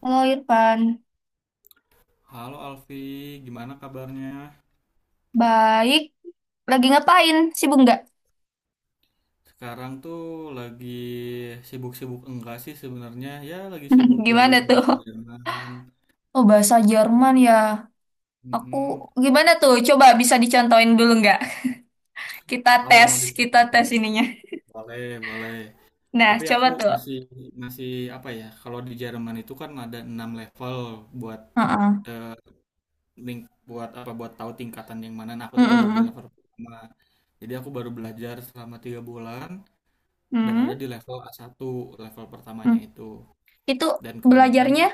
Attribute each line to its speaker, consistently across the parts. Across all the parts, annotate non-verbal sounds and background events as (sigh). Speaker 1: Halo Irfan,
Speaker 2: Halo Alfi, gimana kabarnya?
Speaker 1: baik. Lagi ngapain? Sibuk nggak?
Speaker 2: Sekarang tuh lagi sibuk-sibuk enggak sih sebenarnya? Ya lagi sibuk
Speaker 1: (laughs) Gimana
Speaker 2: belajar
Speaker 1: tuh?
Speaker 2: bahasa Jerman.
Speaker 1: Oh, bahasa Jerman ya. Aku
Speaker 2: Mm-mm.
Speaker 1: gimana tuh? Coba bisa dicontohin dulu nggak? (laughs)
Speaker 2: Kalau mau
Speaker 1: Kita
Speaker 2: dicontohin
Speaker 1: tes
Speaker 2: nih,
Speaker 1: ininya.
Speaker 2: boleh, boleh.
Speaker 1: Nah,
Speaker 2: Tapi
Speaker 1: coba
Speaker 2: aku
Speaker 1: tuh.
Speaker 2: masih masih apa ya? Kalau di Jerman itu kan ada 6 level buat
Speaker 1: Heeh.
Speaker 2: eh, link buat apa buat tahu tingkatan yang mana. Nah, aku
Speaker 1: Mm,
Speaker 2: tuh baru
Speaker 1: mm,
Speaker 2: di
Speaker 1: mm.
Speaker 2: level pertama. Jadi aku baru belajar selama tiga bulan dan ada
Speaker 1: Mm,
Speaker 2: di level a satu level pertamanya
Speaker 1: mm.
Speaker 2: itu.
Speaker 1: Itu
Speaker 2: Dan kebanyakan
Speaker 1: belajarnya,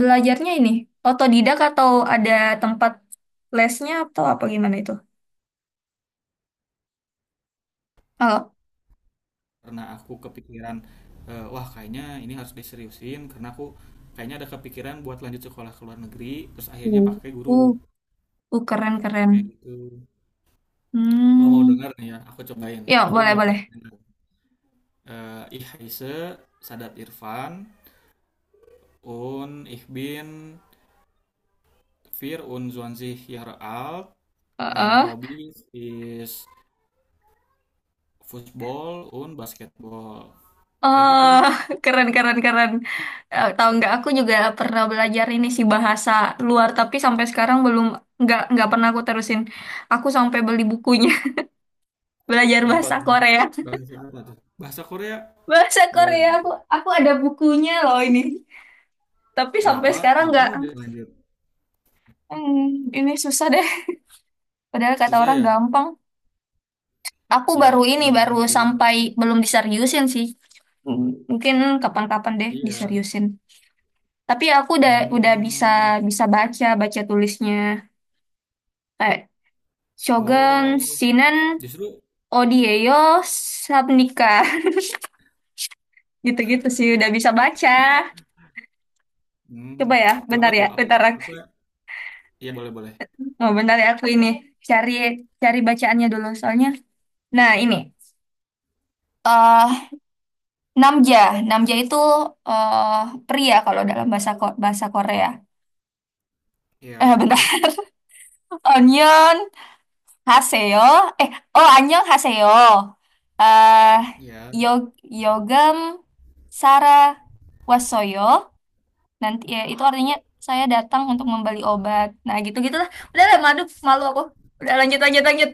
Speaker 1: belajarnya ini otodidak atau ada tempat lesnya atau apa gimana itu? Oh,
Speaker 2: karena aku kepikiran, wah kayaknya ini harus diseriusin karena aku kayaknya ada kepikiran buat lanjut sekolah ke luar negeri terus akhirnya
Speaker 1: uh,
Speaker 2: pakai guru
Speaker 1: uh, keren keren.
Speaker 2: kayak gitu. Kalau mau
Speaker 1: Hmm,
Speaker 2: denger nih ya aku cobain,
Speaker 1: ya
Speaker 2: aku
Speaker 1: boleh
Speaker 2: mau
Speaker 1: boleh.
Speaker 2: perkenalkan. eh Ihse Sadat Irfan und ich bin wir und 20 Jahre alt, main
Speaker 1: Heeh.
Speaker 2: hobby is football und basketball. Kayak
Speaker 1: Oh,
Speaker 2: gitu.
Speaker 1: (laughs) keren, keren, keren. Eh, tahu nggak? Aku juga pernah belajar ini sih bahasa luar, tapi sampai sekarang belum nggak pernah aku terusin. Aku sampai beli bukunya (laughs) belajar
Speaker 2: Kenapa
Speaker 1: bahasa
Speaker 2: tuh?
Speaker 1: Korea.
Speaker 2: Bahasa apa tuh, bahasa Korea.
Speaker 1: Bahasa
Speaker 2: Be-.
Speaker 1: Korea aku ada bukunya loh ini. Tapi sampai
Speaker 2: Kenapa?
Speaker 1: sekarang
Speaker 2: Kenapa
Speaker 1: nggak.
Speaker 2: nggak dilanjut?
Speaker 1: Hmm, ini susah deh. Padahal kata
Speaker 2: Susah
Speaker 1: orang
Speaker 2: ya?
Speaker 1: gampang. Aku
Speaker 2: Ya,
Speaker 1: baru ini baru
Speaker 2: memang sih.
Speaker 1: sampai belum diseriusin sih. Hmm, mungkin kapan-kapan deh
Speaker 2: Iya.
Speaker 1: diseriusin. Tapi aku udah bisa
Speaker 2: Hmm.
Speaker 1: bisa baca baca tulisnya. Shogun,
Speaker 2: Oh,
Speaker 1: Shinen,
Speaker 2: justru
Speaker 1: Odieyo, Sabnika. (laughs) Gitu-gitu sih udah bisa baca.
Speaker 2: hmm,
Speaker 1: Coba ya,
Speaker 2: kenapa
Speaker 1: bentar ya,
Speaker 2: tuh? Apa apa ya, boleh-boleh.
Speaker 1: oh, bentar ya aku ini cari cari bacaannya dulu soalnya. Nah, ini. eh Namja. Namja itu eh pria kalau dalam bahasa Korea. Eh,
Speaker 2: Ya,
Speaker 1: bentar.
Speaker 2: terus
Speaker 1: (laughs) Onyeon Haseyo. Eh, oh, Annyeong Haseyo. Eh
Speaker 2: ya.
Speaker 1: Yog Yogam Sara Wasoyo. Nanti ya, itu artinya saya datang untuk membeli obat. Nah, gitu-gitulah. Udah lah, malu malu aku. Udah, lanjut lanjut lanjut.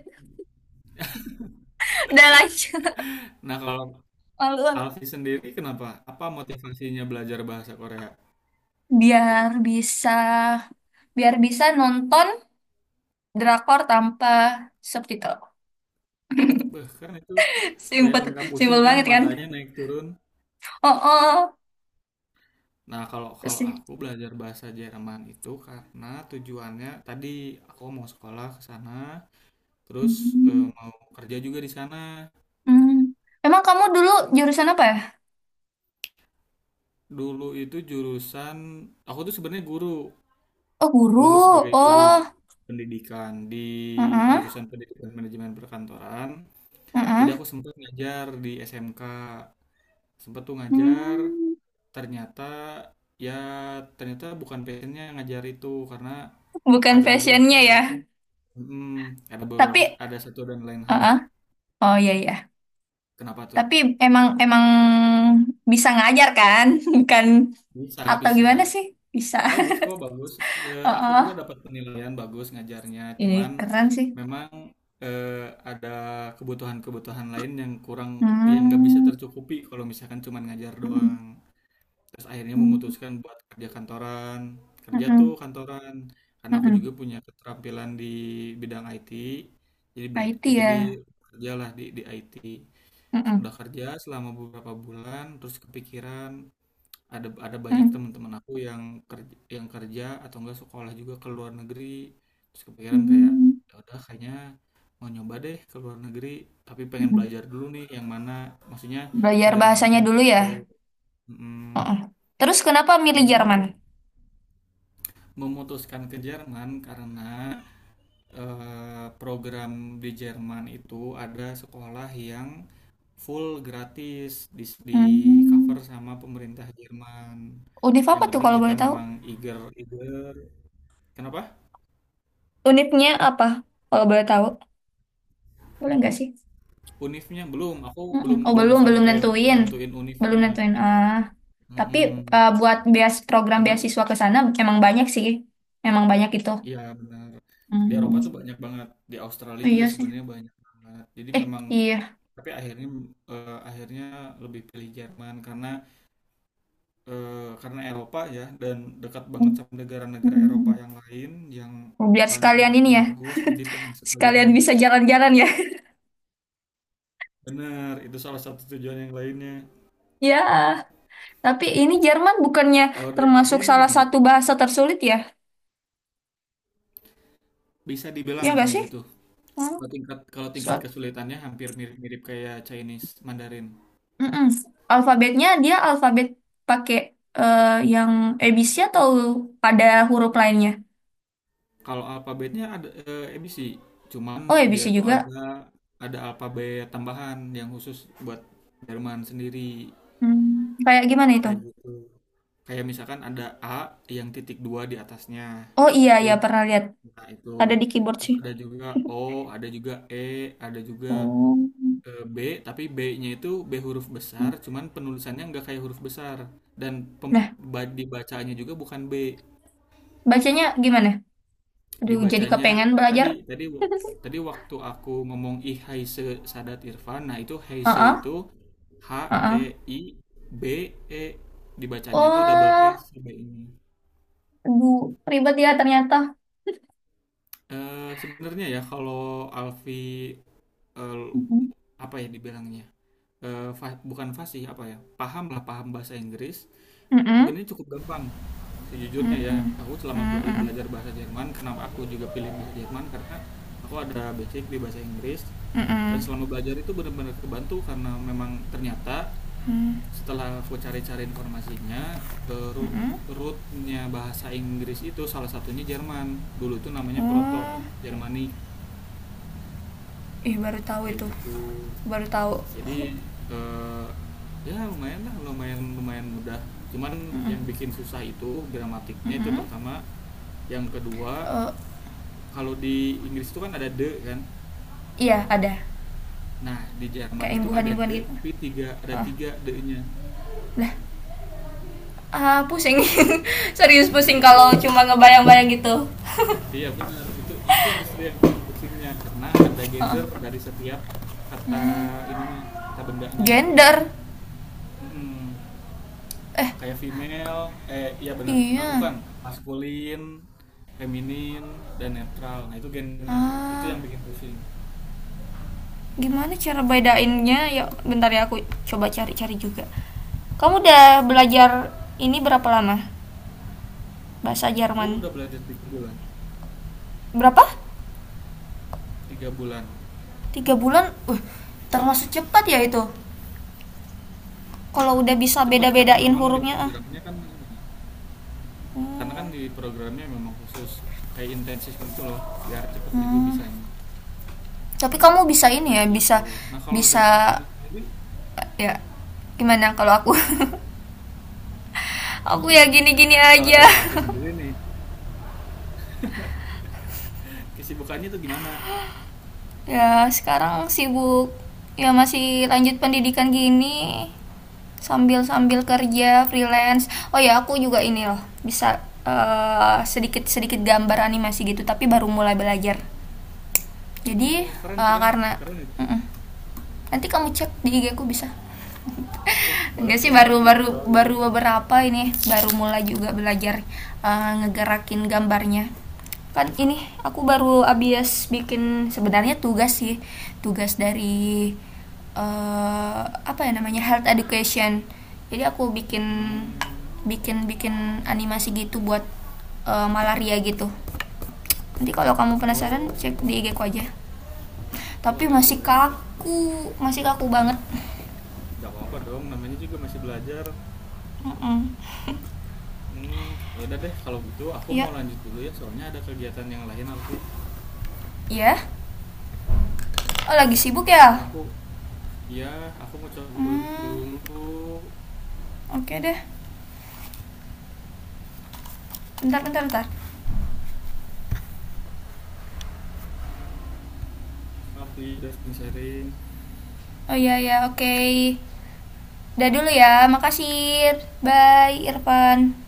Speaker 1: (laughs) Udah lanjut.
Speaker 2: Nah, kalau
Speaker 1: Malu aku.
Speaker 2: Alfi sendiri kenapa? Apa motivasinya belajar bahasa Korea?
Speaker 1: Biar bisa, biar bisa nonton drakor tanpa subtitle.
Speaker 2: Beh, kan itu
Speaker 1: (laughs)
Speaker 2: supaya
Speaker 1: Simpel
Speaker 2: nggak pusing
Speaker 1: simpel
Speaker 2: kan
Speaker 1: banget kan?
Speaker 2: matanya naik turun.
Speaker 1: Oh, oh, oh.
Speaker 2: Nah, kalau
Speaker 1: Terus
Speaker 2: kalau
Speaker 1: sih.
Speaker 2: aku belajar bahasa Jerman itu karena tujuannya tadi aku mau sekolah ke sana, terus
Speaker 1: Hmm.
Speaker 2: mau kerja juga di sana.
Speaker 1: Hmm. Emang kamu dulu jurusan apa ya?
Speaker 2: Dulu itu jurusan aku tuh sebenarnya guru,
Speaker 1: Oh,
Speaker 2: lulus
Speaker 1: guru.
Speaker 2: sebagai guru
Speaker 1: Oh,
Speaker 2: pendidikan di
Speaker 1: heeh,
Speaker 2: jurusan pendidikan manajemen perkantoran. Jadi
Speaker 1: heeh.
Speaker 2: aku sempat ngajar di SMK, sempat tuh ngajar,
Speaker 1: Hmm.
Speaker 2: ternyata ya ternyata bukan passionnya ngajar itu karena
Speaker 1: Bukan
Speaker 2: ada beberapa,
Speaker 1: fashionnya ya.
Speaker 2: mm, ada
Speaker 1: Tapi,
Speaker 2: beberapa ada satu dan lain hal
Speaker 1: heeh.
Speaker 2: lah.
Speaker 1: Oh, iya, iya.
Speaker 2: Kenapa tuh?
Speaker 1: Tapi emang emang bisa ngajar kan? (laughs) Bukan
Speaker 2: Bisa,
Speaker 1: atau
Speaker 2: bisa.
Speaker 1: gimana sih? Bisa. (laughs)
Speaker 2: Bagus kok, bagus. Eh,
Speaker 1: Oh,
Speaker 2: aku juga
Speaker 1: oh.
Speaker 2: dapat penilaian bagus ngajarnya,
Speaker 1: Ini
Speaker 2: cuman
Speaker 1: keren sih.
Speaker 2: memang eh, ada kebutuhan-kebutuhan lain yang kurang, yang nggak bisa
Speaker 1: Hmm.
Speaker 2: tercukupi kalau misalkan cuman ngajar
Speaker 1: Mm-mm.
Speaker 2: doang. Terus akhirnya
Speaker 1: Mm-mm.
Speaker 2: memutuskan buat kerja kantoran, kerja tuh
Speaker 1: Mm-mm.
Speaker 2: kantoran. Karena aku
Speaker 1: Mm-mm.
Speaker 2: juga punya keterampilan di bidang IT, jadi
Speaker 1: Nah,
Speaker 2: belajar, jadi
Speaker 1: ya.
Speaker 2: kerjalah di IT.
Speaker 1: Mm-mm.
Speaker 2: Udah kerja selama beberapa bulan, terus kepikiran, ada banyak
Speaker 1: Mm-mm.
Speaker 2: teman-teman aku yang kerja atau enggak sekolah juga ke luar negeri. Terus kepikiran kayak
Speaker 1: Mm-mm.
Speaker 2: ya udah kayaknya mau nyoba deh ke luar negeri, tapi pengen
Speaker 1: Mm-mm.
Speaker 2: belajar dulu nih yang mana, maksudnya
Speaker 1: Belajar
Speaker 2: negara mana
Speaker 1: bahasanya
Speaker 2: yang
Speaker 1: dulu ya.
Speaker 2: cocok.
Speaker 1: Oh,
Speaker 2: Mm,
Speaker 1: oh. Terus kenapa milih
Speaker 2: akhirnya
Speaker 1: Jerman?
Speaker 2: udah memutuskan ke Jerman karena program di Jerman itu ada sekolah yang full gratis di, di
Speaker 1: Hmm.
Speaker 2: cover sama pemerintah Jerman.
Speaker 1: Univ apa
Speaker 2: Yang
Speaker 1: tuh
Speaker 2: penting
Speaker 1: kalau
Speaker 2: kita
Speaker 1: boleh tahu?
Speaker 2: memang eager eager. Kenapa?
Speaker 1: Univnya apa? Kalau boleh tahu. Boleh nggak sih?
Speaker 2: Unifnya belum. Aku
Speaker 1: Mm-mm.
Speaker 2: belum
Speaker 1: Oh,
Speaker 2: belum
Speaker 1: belum belum
Speaker 2: sampai
Speaker 1: nentuin.
Speaker 2: nentuin
Speaker 1: Belum
Speaker 2: unifnya.
Speaker 1: nentuin. Ah. Tapi
Speaker 2: Mm-mm.
Speaker 1: buat program
Speaker 2: Cuman
Speaker 1: beasiswa ke sana emang banyak sih. Emang banyak itu.
Speaker 2: ya benar. Di Eropa
Speaker 1: Hmm,
Speaker 2: tuh banyak banget. Di Australia juga
Speaker 1: iya sih.
Speaker 2: sebenarnya banyak banget. Jadi
Speaker 1: Eh,
Speaker 2: memang
Speaker 1: iya.
Speaker 2: tapi akhirnya, akhirnya lebih pilih Jerman karena eh, karena Eropa ya dan dekat banget sama negara-negara Eropa
Speaker 1: Hmm.
Speaker 2: yang lain yang
Speaker 1: Biar
Speaker 2: banyak
Speaker 1: sekalian
Speaker 2: banget
Speaker 1: ini
Speaker 2: yang
Speaker 1: ya. (laughs)
Speaker 2: bagus jadi pengen sekalian,
Speaker 1: Sekalian bisa jalan-jalan ya. (laughs)
Speaker 2: bener itu salah satu tujuan yang lainnya.
Speaker 1: Ya, tapi ini Jerman bukannya
Speaker 2: Kalau dari Avi
Speaker 1: termasuk
Speaker 2: ini
Speaker 1: salah
Speaker 2: gimana,
Speaker 1: satu bahasa tersulit ya?
Speaker 2: bisa
Speaker 1: Iya
Speaker 2: dibilang
Speaker 1: nggak
Speaker 2: kayak
Speaker 1: sih?
Speaker 2: gitu.
Speaker 1: Hmm.
Speaker 2: Kalau tingkat, kalau
Speaker 1: So,
Speaker 2: tingkat kesulitannya hampir mirip-mirip kayak Chinese Mandarin.
Speaker 1: mm-mm. Alfabetnya dia alfabet pakai eh, yang ABC atau ada huruf lainnya?
Speaker 2: Kalau alfabetnya ada, ABC, cuman
Speaker 1: Oh,
Speaker 2: dia
Speaker 1: ABC
Speaker 2: tuh ada
Speaker 1: juga.
Speaker 2: ada alfabet tambahan yang khusus buat Jerman sendiri.
Speaker 1: Hmm. Kayak gimana itu?
Speaker 2: Kayak gitu, kayak misalkan ada A yang titik dua di atasnya
Speaker 1: Oh iya,
Speaker 2: itu,
Speaker 1: iya pernah lihat.
Speaker 2: nah itu.
Speaker 1: Ada di keyboard
Speaker 2: Terus
Speaker 1: sih.
Speaker 2: ada juga O, ada juga E, ada juga
Speaker 1: Oh.
Speaker 2: B, tapi B-nya itu B huruf besar cuman penulisannya nggak kayak huruf besar dan pem-
Speaker 1: Nah,
Speaker 2: dibacanya juga bukan B.
Speaker 1: bacanya gimana? Aduh, jadi
Speaker 2: Dibacanya
Speaker 1: kepengen belajar.
Speaker 2: tadi tadi w- tadi
Speaker 1: (laughs)
Speaker 2: waktu aku ngomong I Haise Sadat Irfan, nah itu Haise
Speaker 1: Heeh,
Speaker 2: itu H E
Speaker 1: heeh.
Speaker 2: I B E, dibacanya tuh double S
Speaker 1: Oh,
Speaker 2: si B ini.
Speaker 1: aduh, ribet ya ternyata.
Speaker 2: Eh, sebenarnya ya kalau Alfi, eh,
Speaker 1: Mm-mm.
Speaker 2: apa ya dibilangnya, bukan fasih apa ya, paham lah paham bahasa Inggris
Speaker 1: Mm-mm.
Speaker 2: sebenarnya cukup gampang sejujurnya ya.
Speaker 1: Mm-mm.
Speaker 2: Aku selama
Speaker 1: Mm-mm.
Speaker 2: belajar bahasa Jerman, kenapa aku juga pilih bahasa Jerman karena aku ada basic di bahasa Inggris dan
Speaker 1: Mm-mm.
Speaker 2: selama belajar itu benar-benar kebantu karena memang ternyata setelah aku cari-cari informasinya, root
Speaker 1: Mm-mm.
Speaker 2: rootnya bahasa Inggris itu salah satunya Jerman, dulu itu namanya Proto
Speaker 1: Oh,
Speaker 2: Jermanik
Speaker 1: ih baru tahu
Speaker 2: kayak
Speaker 1: itu.
Speaker 2: gitu.
Speaker 1: Baru tahu.
Speaker 2: Jadi eh ya lumayan lah, lumayan lumayan mudah. Cuman yang
Speaker 1: Mm-mm.
Speaker 2: bikin susah itu gramatiknya itu
Speaker 1: Mm-mm.
Speaker 2: pertama, yang kedua
Speaker 1: Oh,
Speaker 2: kalau di Inggris itu kan ada de kan.
Speaker 1: iya ada.
Speaker 2: Nah, di Jerman
Speaker 1: Kayak
Speaker 2: itu ada
Speaker 1: imbuhan-imbuhan
Speaker 2: de
Speaker 1: gitu.
Speaker 2: tapi tiga ada
Speaker 1: Ah,
Speaker 2: tiga de-nya.
Speaker 1: lah, ah, pusing. (laughs) Serius
Speaker 2: Nah,
Speaker 1: pusing
Speaker 2: itu.
Speaker 1: kalau cuma ngebayang-bayang gitu.
Speaker 2: Iya benar, itu justru yang bikin pusingnya karena ada gender dari setiap kata ininya, kata bendanya.
Speaker 1: Gender.
Speaker 2: Mm-mm. Kayak female, eh iya bener. Eh,
Speaker 1: Iya.
Speaker 2: bukan maskulin, feminin dan netral, nah itu gendernya tuh itu
Speaker 1: Ah,
Speaker 2: yang bikin pusing.
Speaker 1: gimana cara bedainnya? Ya, bentar ya aku coba cari-cari juga. Kamu udah belajar ini berapa lama? Bahasa
Speaker 2: Aku
Speaker 1: Jerman.
Speaker 2: udah belajar tiga bulan,
Speaker 1: Berapa?
Speaker 2: tiga bulan
Speaker 1: Tiga bulan. Termasuk cepat ya itu. Kalau udah bisa
Speaker 2: cepet karena
Speaker 1: beda-bedain
Speaker 2: memang di
Speaker 1: hurufnya. Ah.
Speaker 2: programnya kan ini, karena
Speaker 1: Hmm.
Speaker 2: kan di programnya memang khusus kayak intensif gitu loh biar cepet juga
Speaker 1: Hmm.
Speaker 2: bisanya,
Speaker 1: Tapi kamu bisa ini
Speaker 2: kayak
Speaker 1: ya, bisa
Speaker 2: gitu. Nah, kalau dari Alfi
Speaker 1: bisa
Speaker 2: sendiri
Speaker 1: ya gimana kalau aku (laughs) aku ya gini-gini
Speaker 2: (laughs) kalau
Speaker 1: aja
Speaker 2: dari
Speaker 1: (laughs)
Speaker 2: Alfi sendiri nih kesibukannya tuh gimana.
Speaker 1: Ya sekarang sibuk ya masih lanjut pendidikan gini sambil sambil
Speaker 2: Hmm,
Speaker 1: kerja freelance. Oh ya aku juga ini loh bisa sedikit sedikit gambar animasi gitu tapi baru mulai belajar. Jadi
Speaker 2: oh keren
Speaker 1: eh,
Speaker 2: keren,
Speaker 1: karena
Speaker 2: keren itu.
Speaker 1: Mm-mm. Nanti kamu cek di IG aku bisa.
Speaker 2: Wah boleh
Speaker 1: Enggak sih
Speaker 2: tuh
Speaker 1: baru
Speaker 2: nanti
Speaker 1: baru
Speaker 2: material
Speaker 1: baru
Speaker 2: gitu.
Speaker 1: beberapa ini baru mulai juga belajar ngegerakin gambarnya. Kan ini aku baru abis bikin sebenarnya tugas sih tugas dari apa ya namanya health education. Jadi aku bikin
Speaker 2: Hmm,
Speaker 1: bikin bikin animasi gitu buat malaria gitu. Nanti kalau kamu penasaran cek di
Speaker 2: oh,
Speaker 1: IG ku aja. Tapi
Speaker 2: boleh, boleh. Nanti aku cek.
Speaker 1: masih kaku banget.
Speaker 2: Nggak apa-apa dong, namanya juga masih belajar.
Speaker 1: Mm-mm.
Speaker 2: Hmm, ya udah deh, kalau gitu aku
Speaker 1: Iya.
Speaker 2: mau lanjut dulu ya, soalnya ada kegiatan yang lain, Alfi.
Speaker 1: Iya. Oh lagi sibuk
Speaker 2: Ya
Speaker 1: ya?
Speaker 2: aku, ya aku mau cabut
Speaker 1: Hmm,
Speaker 2: dulu.
Speaker 1: oke okay deh. Bentar, bentar, bentar.
Speaker 2: Alfi udah sering sharing.
Speaker 1: Oh iya, iya, oke. Okay. Udah dulu ya, makasih. Bye, Irfan.